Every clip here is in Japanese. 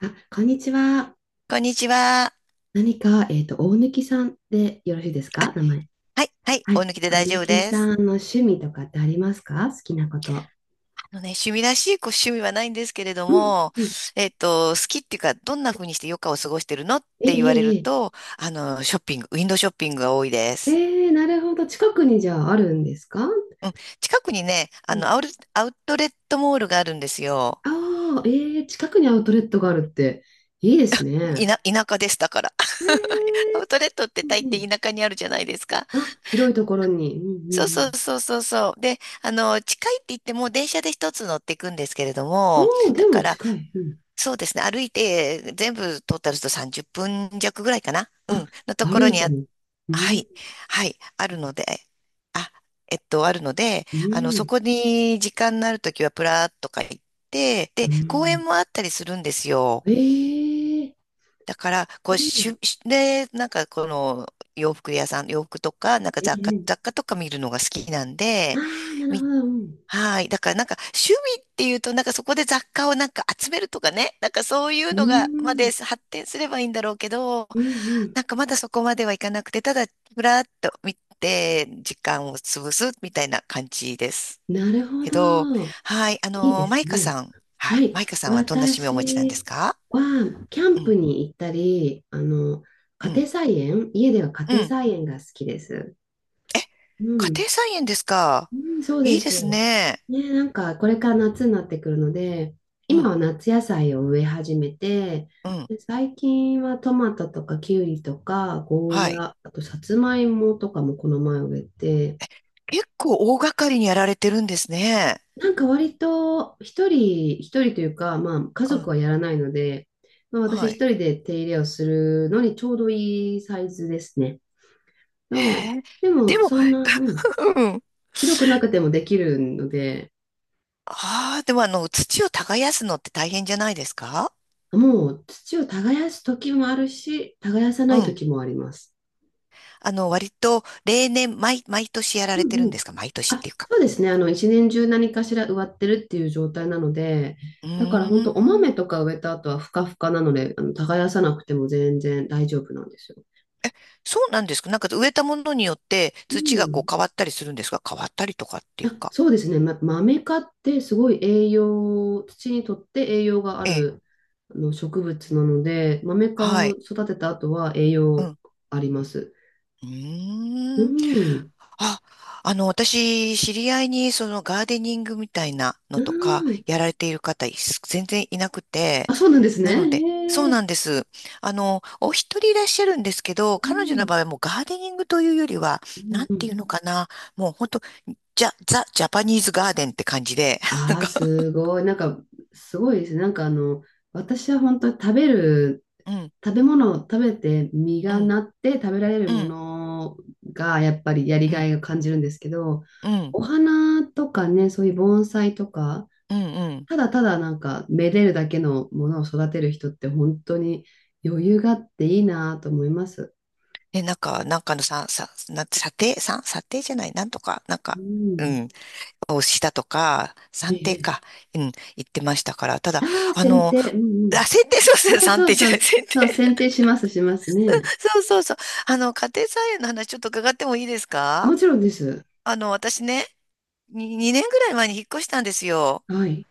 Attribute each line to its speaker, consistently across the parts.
Speaker 1: あ、こんにちは。
Speaker 2: こんにちは。
Speaker 1: 何か、大貫さんでよろしいです
Speaker 2: あ、
Speaker 1: か？名前。
Speaker 2: はい、はい、
Speaker 1: は
Speaker 2: お
Speaker 1: い。
Speaker 2: 抜きで
Speaker 1: 大
Speaker 2: 大丈夫
Speaker 1: 貫
Speaker 2: で
Speaker 1: さん
Speaker 2: す。
Speaker 1: の趣味とかってありますか？好きなこと。
Speaker 2: あのね、趣味らしい趣味はないんですけれど
Speaker 1: うん。
Speaker 2: も、
Speaker 1: うん。
Speaker 2: 好きっていうか、どんな風にして余暇を過ごしてるのっ
Speaker 1: え
Speaker 2: て言われる
Speaker 1: え
Speaker 2: と、ショッピング、ウィンドウショッピングが多いで
Speaker 1: え
Speaker 2: す。
Speaker 1: えええ、なるほど。近くにじゃああるんですか？
Speaker 2: うん、近くにね、
Speaker 1: うん。
Speaker 2: アウトレットモールがあるんですよ。
Speaker 1: ああ、ええ、近くにアウトレットがあるって、いいですね。
Speaker 2: 田舎です、だから。
Speaker 1: ええ、
Speaker 2: アウトレットって
Speaker 1: うん
Speaker 2: 大
Speaker 1: うん。
Speaker 2: 抵田舎にあるじゃないですか。
Speaker 1: あ、広いところに。うんうん
Speaker 2: そう
Speaker 1: う
Speaker 2: そう
Speaker 1: ん。
Speaker 2: そうそうそう。で、近いって言っても電車で一つ乗っていくんですけれども、
Speaker 1: おお、で
Speaker 2: だ
Speaker 1: も
Speaker 2: から、
Speaker 1: 近い。うん。
Speaker 2: そうですね。歩いて、全部トータルすると30分弱ぐらいかな。うん。の
Speaker 1: あ、
Speaker 2: とこ
Speaker 1: 歩
Speaker 2: ろ
Speaker 1: い
Speaker 2: に
Speaker 1: ても。う
Speaker 2: は
Speaker 1: ん。
Speaker 2: い。はい。あるので、あ、えっと、あるので、
Speaker 1: う
Speaker 2: そ
Speaker 1: ん。
Speaker 2: こに時間のあるときはプラーっとか行って、
Speaker 1: う
Speaker 2: で、公
Speaker 1: ん。
Speaker 2: 園もあったりするんですよ。
Speaker 1: ええ、
Speaker 2: だから、こ
Speaker 1: う
Speaker 2: う、し
Speaker 1: ん。
Speaker 2: ゅ、しで、なんかこの洋服屋さん、洋服とか、なんか
Speaker 1: ええ、
Speaker 2: 雑貨とか見るのが好きなん
Speaker 1: あ
Speaker 2: で、
Speaker 1: あ、なるほ
Speaker 2: 見
Speaker 1: ど。うん。
Speaker 2: はい。だからなんか趣味っていうとなんかそこで雑貨をなんか集めるとかね。なんかそういう
Speaker 1: う
Speaker 2: のがま
Speaker 1: ー
Speaker 2: で
Speaker 1: ん。
Speaker 2: 発展すればいいんだろうけど、
Speaker 1: うんうん。
Speaker 2: なんかまだそこまではいかなくて、ただふらっと見て時間を潰すみたいな感じです。
Speaker 1: なるほ
Speaker 2: けど、
Speaker 1: ど。
Speaker 2: はい。あ
Speaker 1: いいで
Speaker 2: の
Speaker 1: す
Speaker 2: マイカ
Speaker 1: ね。
Speaker 2: さん。は
Speaker 1: は
Speaker 2: い。
Speaker 1: い。
Speaker 2: マイカさんはどんな趣味をお持ちなんです
Speaker 1: 私
Speaker 2: か？
Speaker 1: は、キャ
Speaker 2: う
Speaker 1: ンプ
Speaker 2: ん。
Speaker 1: に行ったり、あの、
Speaker 2: う
Speaker 1: 家庭
Speaker 2: ん。
Speaker 1: 菜園、家では家
Speaker 2: う
Speaker 1: 庭
Speaker 2: ん。
Speaker 1: 菜園が好きです。
Speaker 2: え、
Speaker 1: う
Speaker 2: 家
Speaker 1: ん。
Speaker 2: 庭菜園ですか？
Speaker 1: うん、そう
Speaker 2: い
Speaker 1: で
Speaker 2: いです
Speaker 1: す。
Speaker 2: ね。
Speaker 1: ね、なんか、これから夏になってくるので、
Speaker 2: う
Speaker 1: 今
Speaker 2: ん。
Speaker 1: は夏野菜を植え始めて、
Speaker 2: うん。
Speaker 1: で、最近はトマトとかキュウリとか、ゴー
Speaker 2: はい。
Speaker 1: ヤ、あとさつまいもとかもこの前植えて、
Speaker 2: 結構大掛かりにやられてるんですね。
Speaker 1: なんか割と一人、一人というか、まあ家
Speaker 2: う
Speaker 1: 族
Speaker 2: ん。
Speaker 1: はやらないので、まあ私
Speaker 2: は
Speaker 1: 一
Speaker 2: い。
Speaker 1: 人で手入れをするのにちょうどいいサイズですね。そう、
Speaker 2: へえ。
Speaker 1: で
Speaker 2: で
Speaker 1: も
Speaker 2: も、
Speaker 1: そんな、うん、
Speaker 2: うん。
Speaker 1: 広くなくてもできるので、
Speaker 2: ああ、でも土を耕すのって大変じゃないですか？
Speaker 1: もう土を耕す時もあるし、耕さな
Speaker 2: う
Speaker 1: い
Speaker 2: ん。
Speaker 1: 時もあります。
Speaker 2: 割と、例年、毎年やら
Speaker 1: う
Speaker 2: れて
Speaker 1: ん
Speaker 2: る
Speaker 1: う
Speaker 2: ん
Speaker 1: ん。
Speaker 2: ですか？毎年っ
Speaker 1: あ、
Speaker 2: ていうか。
Speaker 1: そうで
Speaker 2: うん。
Speaker 1: すね。あの、一年中何かしら植わってるっていう状態なので、
Speaker 2: う
Speaker 1: だから本
Speaker 2: ー
Speaker 1: 当お
Speaker 2: ん。
Speaker 1: 豆とか植えた後はふかふかなので、あの、耕さなくても全然大丈夫なんですよ。
Speaker 2: そうなんですか？なんか植えたものによって
Speaker 1: う
Speaker 2: 土がこう
Speaker 1: ん。
Speaker 2: 変わったりするんですか？変わったりとかってい
Speaker 1: あ、
Speaker 2: うか。
Speaker 1: そうですね。ま、豆科ってすごい栄養、土にとって栄養があ
Speaker 2: ええ。
Speaker 1: るあの植物なので、豆メ科
Speaker 2: は
Speaker 1: を
Speaker 2: い。
Speaker 1: 育てた後は栄
Speaker 2: う
Speaker 1: 養
Speaker 2: ん。
Speaker 1: あります。
Speaker 2: う
Speaker 1: う
Speaker 2: ーん。
Speaker 1: ん。
Speaker 2: あ、私、知り合いに、ガーデニングみたいなの
Speaker 1: う
Speaker 2: とか、
Speaker 1: ん。
Speaker 2: やられている方、全然いなくて、
Speaker 1: あ、そうなんですね。
Speaker 2: なので、そう
Speaker 1: へえ。
Speaker 2: なんです。お一人いらっしゃるんですけど、
Speaker 1: う
Speaker 2: 彼女の
Speaker 1: ん。
Speaker 2: 場合はもうガーデニングというよりは、
Speaker 1: う
Speaker 2: な
Speaker 1: ん
Speaker 2: ん
Speaker 1: う
Speaker 2: て
Speaker 1: ん。
Speaker 2: いうのかな、もう本当、ザ・ジャパニーズガーデンって感じで、な
Speaker 1: あ
Speaker 2: ん
Speaker 1: あ、
Speaker 2: か、
Speaker 1: すごい。なんか、すごいですね。なんかあの、私は本当に食べる
Speaker 2: うん、
Speaker 1: 食べ物を食べて実
Speaker 2: う
Speaker 1: が
Speaker 2: ん、
Speaker 1: なって食べられる
Speaker 2: う
Speaker 1: も
Speaker 2: ん、
Speaker 1: のがやっぱりやり
Speaker 2: う
Speaker 1: が
Speaker 2: ん、
Speaker 1: いを感じるんですけど、
Speaker 2: うん、
Speaker 1: お花とかね、そういう盆栽とか、
Speaker 2: うん、うん。
Speaker 1: ただただなんかめでるだけのものを育てる人って本当に余裕があっていいなと思います。
Speaker 2: で、なんかのさ、さ、な、査定、査定じゃない、なんとか、なん
Speaker 1: う
Speaker 2: か、う
Speaker 1: ん。
Speaker 2: ん。をしたとか、
Speaker 1: え
Speaker 2: 算定
Speaker 1: え。
Speaker 2: か、うん、言ってましたから、ただ、
Speaker 1: ああ、
Speaker 2: あ
Speaker 1: 剪
Speaker 2: の、
Speaker 1: 定。うんうん。
Speaker 2: あ、剪定、そうですね
Speaker 1: ああ、
Speaker 2: 算
Speaker 1: そう
Speaker 2: 定じゃ
Speaker 1: そう、
Speaker 2: ない、
Speaker 1: そ
Speaker 2: 剪
Speaker 1: う、
Speaker 2: 定。
Speaker 1: 剪定します、しますね。
Speaker 2: そうそうそう。家庭菜園の話ちょっと伺ってもいいですか？
Speaker 1: もちろんです。
Speaker 2: 私ね、に2、年ぐらい前に引っ越したんですよ。
Speaker 1: はい。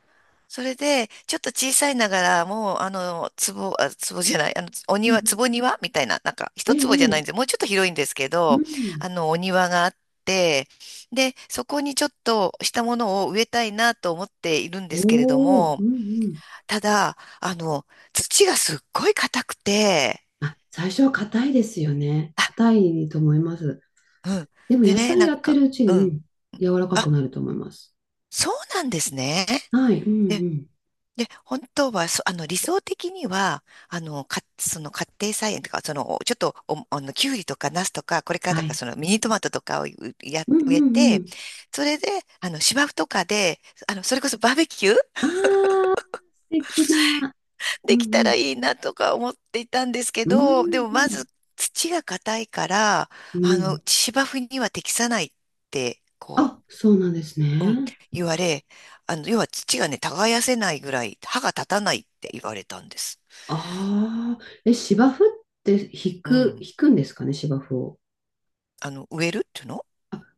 Speaker 2: それで、ちょっと小さいながら、もう、壺、あ、壺じゃない、お
Speaker 1: うんう
Speaker 2: 庭、
Speaker 1: ん、
Speaker 2: 壺庭みたいな、なんか、
Speaker 1: え
Speaker 2: 一坪じゃないん
Speaker 1: え、
Speaker 2: で
Speaker 1: ええ、
Speaker 2: すよ。もうちょっと広いんですけ
Speaker 1: う
Speaker 2: ど、
Speaker 1: ん。
Speaker 2: お庭があって、で、そこにちょっとしたものを植えたいなと思っているんで
Speaker 1: お
Speaker 2: すけれど
Speaker 1: お、う
Speaker 2: も、
Speaker 1: んうん。
Speaker 2: ただ、土がすっごい硬くて、
Speaker 1: あ、最初は硬いですよね。
Speaker 2: あ、
Speaker 1: 硬いと思います。
Speaker 2: うん。
Speaker 1: でも
Speaker 2: で
Speaker 1: 野
Speaker 2: ね、
Speaker 1: 菜
Speaker 2: な
Speaker 1: や
Speaker 2: ん
Speaker 1: って
Speaker 2: か、
Speaker 1: るうち
Speaker 2: う
Speaker 1: に、う
Speaker 2: ん。
Speaker 1: ん、柔らか
Speaker 2: あ、
Speaker 1: くなると思います。
Speaker 2: そうなんですね。
Speaker 1: はい、うん
Speaker 2: で、
Speaker 1: うん。
Speaker 2: で、本当は、そ、あの、理想的には、その家庭菜園とか、その、ちょっと、お、あの、きゅうりとか、ナスとか、これからだ
Speaker 1: は
Speaker 2: から、
Speaker 1: い。
Speaker 2: その、ミニトマトとかを
Speaker 1: うんう
Speaker 2: 植え
Speaker 1: んう
Speaker 2: て、
Speaker 1: ん。
Speaker 2: それで、芝生とかで、それこそバーベキュー
Speaker 1: ああ、素敵な。うん
Speaker 2: できた
Speaker 1: う
Speaker 2: ら
Speaker 1: ん。
Speaker 2: いいなとか思っていたんですけ
Speaker 1: う
Speaker 2: ど、でもま
Speaker 1: ん
Speaker 2: ず土が硬いから、
Speaker 1: うん。うん。
Speaker 2: 芝生には適さないって、
Speaker 1: あ、そうなんです
Speaker 2: うん、
Speaker 1: ね。
Speaker 2: 言われ、要は土がね、耕せないぐらい歯が立たないって言われたんです。
Speaker 1: ああ、え、芝生って引
Speaker 2: う
Speaker 1: く、
Speaker 2: ん。
Speaker 1: 引くんですかね、芝生を。
Speaker 2: 植えるっていうの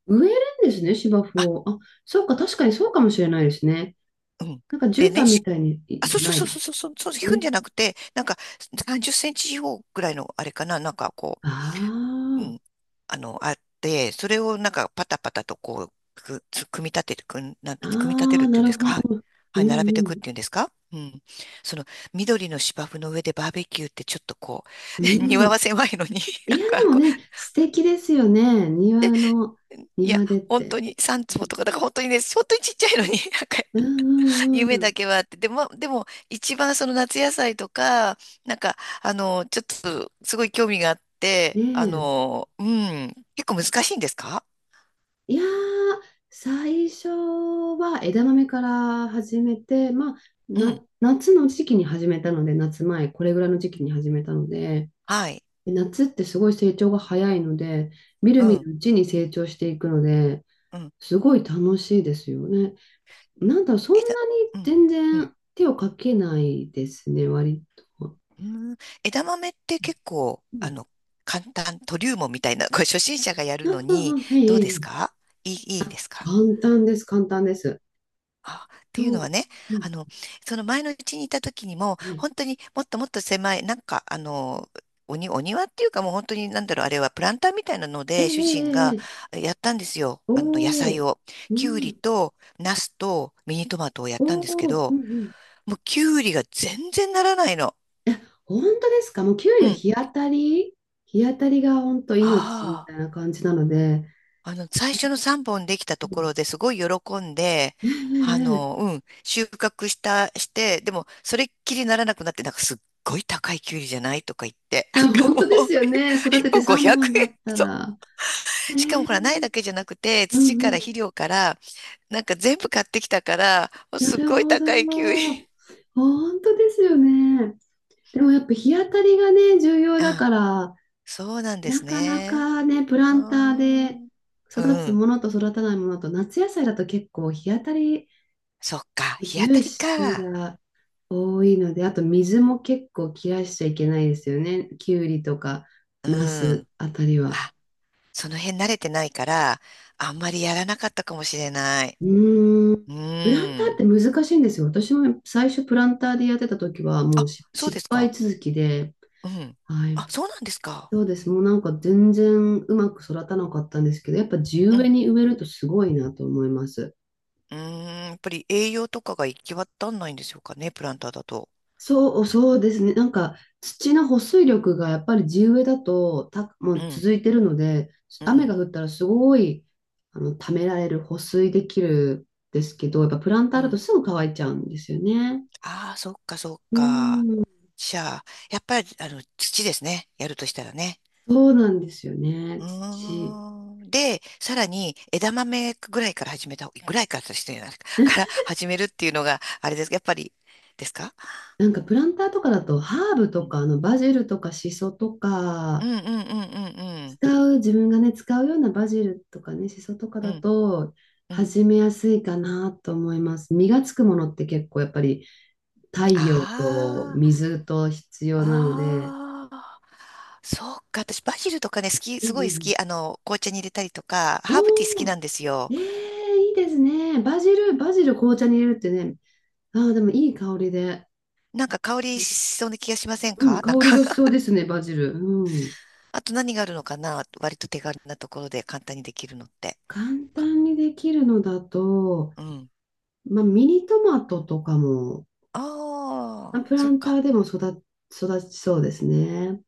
Speaker 1: 植えるんですね、芝生
Speaker 2: あ、
Speaker 1: を。あ、そうか、確かにそうかもしれないですね。
Speaker 2: うん。
Speaker 1: なんか
Speaker 2: で
Speaker 1: 絨
Speaker 2: ね、
Speaker 1: 毯みたいに、じ
Speaker 2: そ
Speaker 1: ゃ
Speaker 2: うそう
Speaker 1: ない
Speaker 2: そう
Speaker 1: で
Speaker 2: そう
Speaker 1: す
Speaker 2: そう、そう、そう、引くん
Speaker 1: ね。
Speaker 2: じゃなくて、なんか30センチ四方ぐらいのあれかな、なんかこ
Speaker 1: あ
Speaker 2: う
Speaker 1: あ。
Speaker 2: ん、あって、それをなんかパタパタとこう、組み立て
Speaker 1: あ
Speaker 2: る
Speaker 1: あ、
Speaker 2: って
Speaker 1: な
Speaker 2: いうん
Speaker 1: る
Speaker 2: ですか？
Speaker 1: ほ
Speaker 2: はい。
Speaker 1: ど。う
Speaker 2: はい、並べていくっ
Speaker 1: ん
Speaker 2: ていうんですか？うん。その、緑の芝生の上でバーベキューってちょっとこ
Speaker 1: う
Speaker 2: う、
Speaker 1: ん。う
Speaker 2: 庭
Speaker 1: ん。
Speaker 2: は狭いのに、
Speaker 1: いや、
Speaker 2: なんか
Speaker 1: でも
Speaker 2: こ
Speaker 1: ね、素敵ですよね。庭の、
Speaker 2: う、いや、
Speaker 1: 庭でっ
Speaker 2: 本当
Speaker 1: て。
Speaker 2: に三
Speaker 1: う
Speaker 2: 坪
Speaker 1: ん
Speaker 2: とか、だから本当にね、本当にちっちゃいのに、なんか、
Speaker 1: うんう
Speaker 2: 夢だ
Speaker 1: ん。
Speaker 2: けはあって、でも、一番その夏野菜とか、なんか、ちょっと、すごい興味があって、
Speaker 1: ね
Speaker 2: うん、結構難しいんですか？
Speaker 1: え。いやー、最初は枝豆から始めて、まあ、
Speaker 2: うん。
Speaker 1: 夏の時期に始めたので、夏前、これぐらいの時期に始めたので、
Speaker 2: はい。
Speaker 1: で夏ってすごい成長が早いので、みる
Speaker 2: う
Speaker 1: み
Speaker 2: ん、
Speaker 1: るうちに成長していくので、
Speaker 2: うん。
Speaker 1: すごい楽しいですよね。なんだ、そん
Speaker 2: 枝、
Speaker 1: なに
Speaker 2: うん、
Speaker 1: 全
Speaker 2: うん。
Speaker 1: 然手をかけないですね、割と。
Speaker 2: うーん、枝豆って結構、
Speaker 1: うん、
Speaker 2: 簡単、トリウムみたいな、これ初心者がやる
Speaker 1: あ
Speaker 2: の
Speaker 1: あ、
Speaker 2: に、
Speaker 1: あ、え
Speaker 2: どう
Speaker 1: え、
Speaker 2: で
Speaker 1: え
Speaker 2: す
Speaker 1: え、
Speaker 2: か？いい、いいですか？
Speaker 1: 簡単です、簡単です。
Speaker 2: あ、っていう
Speaker 1: そ
Speaker 2: の
Speaker 1: う。
Speaker 2: はね、
Speaker 1: うん、
Speaker 2: あの、その前のうちにいた時にも、
Speaker 1: はい。
Speaker 2: 本当にもっともっと狭い、なんか、お庭っていうかもう本当になんだろう、あれはプランターみたいなの
Speaker 1: ええ、え
Speaker 2: で、主人
Speaker 1: え、
Speaker 2: が
Speaker 1: ええ、
Speaker 2: やったんですよ。
Speaker 1: お
Speaker 2: 野菜
Speaker 1: お、
Speaker 2: を。
Speaker 1: う
Speaker 2: きゅうり
Speaker 1: ん、
Speaker 2: と、ナスと、ミニトマトをやっ
Speaker 1: お
Speaker 2: たんですけ
Speaker 1: お、うん
Speaker 2: ど、
Speaker 1: うん。
Speaker 2: もうきゅうりが全然ならないの。
Speaker 1: え、本当ですか？もうキュウリ
Speaker 2: う
Speaker 1: は
Speaker 2: ん。
Speaker 1: 日当たり、日当たりが本当命み
Speaker 2: あ
Speaker 1: た
Speaker 2: あ。
Speaker 1: いな感じなので。
Speaker 2: 最初の3本できた
Speaker 1: う
Speaker 2: とこ
Speaker 1: ん、
Speaker 2: ろですごい喜んで、
Speaker 1: ええ、ええ、
Speaker 2: うん、収穫した、して、でも、それっきりならなくなって、なんかすっごい高いきゅうりじゃないとか言って、な
Speaker 1: ええ、
Speaker 2: ん
Speaker 1: 本当
Speaker 2: か
Speaker 1: で
Speaker 2: もう、
Speaker 1: すよ
Speaker 2: 1
Speaker 1: ね。育てて
Speaker 2: 本
Speaker 1: 3
Speaker 2: 500
Speaker 1: 本だっ
Speaker 2: 円。
Speaker 1: た
Speaker 2: そう。
Speaker 1: ら。え
Speaker 2: しかも
Speaker 1: え、
Speaker 2: ほら、苗だけじゃなくて、
Speaker 1: う
Speaker 2: 土から
Speaker 1: ん、
Speaker 2: 肥料から、なんか全部買ってきたから、もう
Speaker 1: な
Speaker 2: すっ
Speaker 1: る
Speaker 2: ごい
Speaker 1: ほど。
Speaker 2: 高いきゅうり。
Speaker 1: 本当ですよね。でもやっぱ日当たりがね、重要だ
Speaker 2: あ、
Speaker 1: から、
Speaker 2: そうなんで
Speaker 1: な
Speaker 2: す
Speaker 1: かな
Speaker 2: ね。
Speaker 1: かね、プラ
Speaker 2: あ
Speaker 1: ンターで
Speaker 2: ー、
Speaker 1: 育
Speaker 2: う
Speaker 1: つ
Speaker 2: ん。
Speaker 1: ものと育たないものと、夏野菜だと結構日当たり
Speaker 2: そっか。日当た
Speaker 1: 重
Speaker 2: り
Speaker 1: 視
Speaker 2: か。
Speaker 1: が多いので、あと水も結構切らしちゃいけないですよね。きゅうりとか、
Speaker 2: う
Speaker 1: ナス
Speaker 2: ん。
Speaker 1: あたりは。
Speaker 2: あ、その辺慣れてないから、あんまりやらなかったかもしれない。
Speaker 1: うーん。
Speaker 2: う
Speaker 1: プランターっ
Speaker 2: ん。
Speaker 1: て難しいんですよ。私も最初プランターでやってた時はもう
Speaker 2: あ、そうで
Speaker 1: 失
Speaker 2: す
Speaker 1: 敗
Speaker 2: か？
Speaker 1: 続きで、
Speaker 2: うん。
Speaker 1: はい、
Speaker 2: あ、そうなんですか？
Speaker 1: そうです。もうなんか全然うまく育たなかったんですけど、やっぱ地
Speaker 2: う
Speaker 1: 植え
Speaker 2: ん。
Speaker 1: に植えるとすごいなと思います。
Speaker 2: うーん。やっぱり栄養とかが行き渡んないんでしょうかね、プランターだと。
Speaker 1: そう、そうですね。なんか土の保水力がやっぱり地植えだと、も
Speaker 2: う
Speaker 1: う
Speaker 2: ん。
Speaker 1: 続いてるので、
Speaker 2: う
Speaker 1: 雨が
Speaker 2: ん。
Speaker 1: 降ったらすごい、あの、ためられる、保水できるんですけど、やっぱプランタ
Speaker 2: う
Speaker 1: ーだと
Speaker 2: ん。
Speaker 1: すぐ乾いちゃうんですよね。
Speaker 2: ああ、そっか、そっ
Speaker 1: うー
Speaker 2: か。
Speaker 1: ん、
Speaker 2: じゃあ、やっぱり、土ですね。やるとしたらね。
Speaker 1: そうなんですよね。
Speaker 2: う
Speaker 1: 土。
Speaker 2: ーん。で、さらに枝豆ぐらいから始めた方、ぐらいからとしてないか、から始めるっていうのが、あれです。やっぱり、ですか？
Speaker 1: なんかプランターとかだとハーブ
Speaker 2: う
Speaker 1: と
Speaker 2: ん。
Speaker 1: か、あの、バジルとかシソと
Speaker 2: う
Speaker 1: か、
Speaker 2: んうんうんうん
Speaker 1: 使う、自分がね、使うようなバジルとかね、シソとか
Speaker 2: う
Speaker 1: だ
Speaker 2: ん。
Speaker 1: と、
Speaker 2: うんうん。
Speaker 1: 始めやすいかなと思います。実がつくものって結構やっぱり太陽と
Speaker 2: あ
Speaker 1: 水と必要なの
Speaker 2: あ、
Speaker 1: で。
Speaker 2: ああ、そうか。私、バジルとかね、好き、
Speaker 1: う
Speaker 2: すごい好
Speaker 1: ん
Speaker 2: き。紅茶に入れたりとか、
Speaker 1: うん。
Speaker 2: ハーブティー好き
Speaker 1: おお、
Speaker 2: なんですよ。
Speaker 1: えー、いいですね。バジル、バジル紅茶に入れるってね。ああ、でもいい香りで。
Speaker 2: なんか香りしそうな気がしません
Speaker 1: うん、
Speaker 2: か？
Speaker 1: 香
Speaker 2: なん
Speaker 1: り
Speaker 2: か
Speaker 1: がしそうで すね、バジル。うん。
Speaker 2: あと何があるのかな？割と手軽なところで簡単にできるのって。
Speaker 1: 簡
Speaker 2: か
Speaker 1: 単にできるのだと、
Speaker 2: うん。
Speaker 1: まあ、ミニトマトとかも、
Speaker 2: あ
Speaker 1: まあ
Speaker 2: あ、
Speaker 1: プラ
Speaker 2: そっ
Speaker 1: ンタ
Speaker 2: か。
Speaker 1: ーでも育ちそうですね。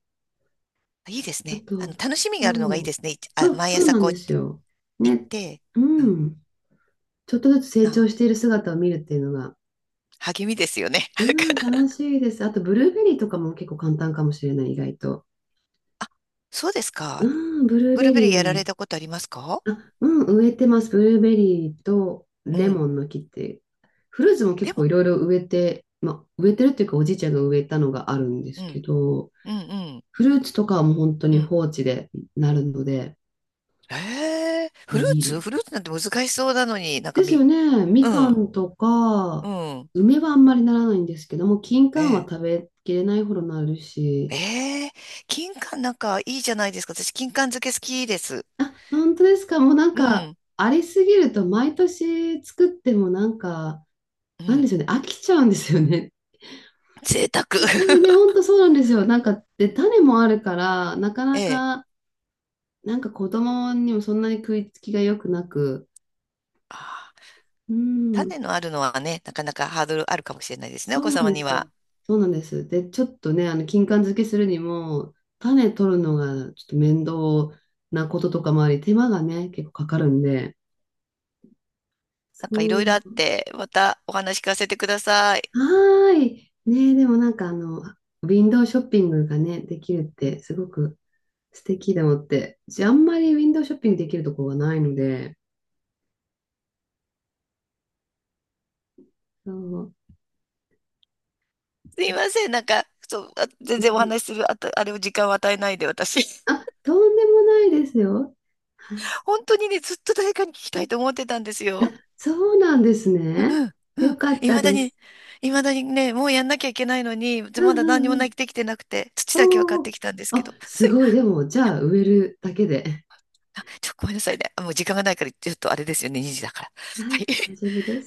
Speaker 2: いいです
Speaker 1: あ
Speaker 2: ね。
Speaker 1: と、
Speaker 2: 楽しみ
Speaker 1: そ
Speaker 2: があるのがいいで
Speaker 1: う、
Speaker 2: すね。いちあ、
Speaker 1: そう、
Speaker 2: 毎
Speaker 1: そう
Speaker 2: 朝
Speaker 1: なん
Speaker 2: こう
Speaker 1: で
Speaker 2: 行
Speaker 1: すよ。
Speaker 2: っ
Speaker 1: ね、
Speaker 2: て、
Speaker 1: う
Speaker 2: うん、
Speaker 1: ん。ちょっとずつ成長
Speaker 2: あ、
Speaker 1: している姿を見るっていうのが、
Speaker 2: 励みですよね。
Speaker 1: うん、楽しいです。あと、ブルーベリーとかも結構簡単かもしれない、意外と。
Speaker 2: そうです
Speaker 1: う
Speaker 2: か。
Speaker 1: ん、ブルー
Speaker 2: ブルー
Speaker 1: ベ
Speaker 2: ベリーやられ
Speaker 1: リ
Speaker 2: たことありますか？
Speaker 1: ー。あ、うん、植えてます。ブルーベリーと
Speaker 2: う
Speaker 1: レ
Speaker 2: ん。
Speaker 1: モンの木って。フルーツも結
Speaker 2: で
Speaker 1: 構
Speaker 2: も、
Speaker 1: いろいろ植えて、まあ、植えてるっていうか、おじいちゃんが植えたのがあるんで
Speaker 2: う
Speaker 1: すけ
Speaker 2: ん、
Speaker 1: ど、
Speaker 2: うん、うん、
Speaker 1: フルーツとかはもう本当
Speaker 2: う
Speaker 1: に
Speaker 2: ん。
Speaker 1: 放置でなるので、
Speaker 2: ええ、フルー
Speaker 1: いいで
Speaker 2: ツ、フル
Speaker 1: す。
Speaker 2: ーツなんて難しそうなのに、なんか
Speaker 1: ですよね。み
Speaker 2: う
Speaker 1: か
Speaker 2: ん、
Speaker 1: んとか、
Speaker 2: うん、
Speaker 1: 梅はあんまりならないんですけども、金
Speaker 2: え
Speaker 1: 柑は
Speaker 2: え、
Speaker 1: 食べきれないほどなるし、
Speaker 2: ええ、金柑なんかいいじゃないですか。私、金柑漬け好きです。
Speaker 1: 本当ですか？もうなん
Speaker 2: う
Speaker 1: か、
Speaker 2: ん、
Speaker 1: ありすぎると毎年作ってもなんか、
Speaker 2: う
Speaker 1: なんで
Speaker 2: ん。
Speaker 1: しょうね、飽きちゃうんですよね。
Speaker 2: 贅沢。
Speaker 1: これね、本当そうなんですよ。なんか、で、種もあるから、なかな
Speaker 2: ええ、
Speaker 1: か、なんか子供にもそんなに食いつきが良くなく、
Speaker 2: あー、
Speaker 1: うん、
Speaker 2: 種のあるのはね、なかなかハードルあるかもしれないですね、お
Speaker 1: そ
Speaker 2: 子
Speaker 1: うなん
Speaker 2: 様
Speaker 1: で
Speaker 2: に
Speaker 1: す
Speaker 2: は。
Speaker 1: よ。そうなんです。で、ちょっとね、あの、金柑漬けするにも、種取るのがちょっと面倒なこととかもあり、手間がね、結構かかるんで。
Speaker 2: なんかい
Speaker 1: そ
Speaker 2: ろいろあっ
Speaker 1: う。
Speaker 2: て、またお話聞かせてください。
Speaker 1: はーい。ねえ、でもなんかあの、ウィンドウショッピングがね、できるってすごく素敵だもって。じゃあ、あんまりウィンドウショッピングできるとこがないので。そう。
Speaker 2: すいません、なんか、そう、あ全
Speaker 1: う
Speaker 2: 然お
Speaker 1: ん、
Speaker 2: 話しする、あと、あれを時間を与えないで、私。
Speaker 1: あ、とんでもないですよ。はい。
Speaker 2: 本当にね、ずっと誰かに聞きたいと思ってたんですよ。
Speaker 1: そうなんです
Speaker 2: う
Speaker 1: ね。
Speaker 2: ん、う
Speaker 1: よ
Speaker 2: ん。
Speaker 1: かったです。
Speaker 2: いまだにね、もうやんなきゃいけないのに、
Speaker 1: う
Speaker 2: ま
Speaker 1: ん
Speaker 2: だ
Speaker 1: う
Speaker 2: 何に
Speaker 1: ん
Speaker 2: も
Speaker 1: う
Speaker 2: な
Speaker 1: ん、
Speaker 2: できてなくて、土だけは買っ
Speaker 1: お
Speaker 2: て
Speaker 1: お、
Speaker 2: きたんですけ
Speaker 1: あ、
Speaker 2: ど。す
Speaker 1: す
Speaker 2: い
Speaker 1: ごい。でも、じゃあ、植えるだけで。
Speaker 2: あ、ちょ、ごめんなさいね。あ、もう時間がないから、ちょっとあれですよね、2時だから。
Speaker 1: は
Speaker 2: は
Speaker 1: い、
Speaker 2: い。
Speaker 1: 大丈夫です。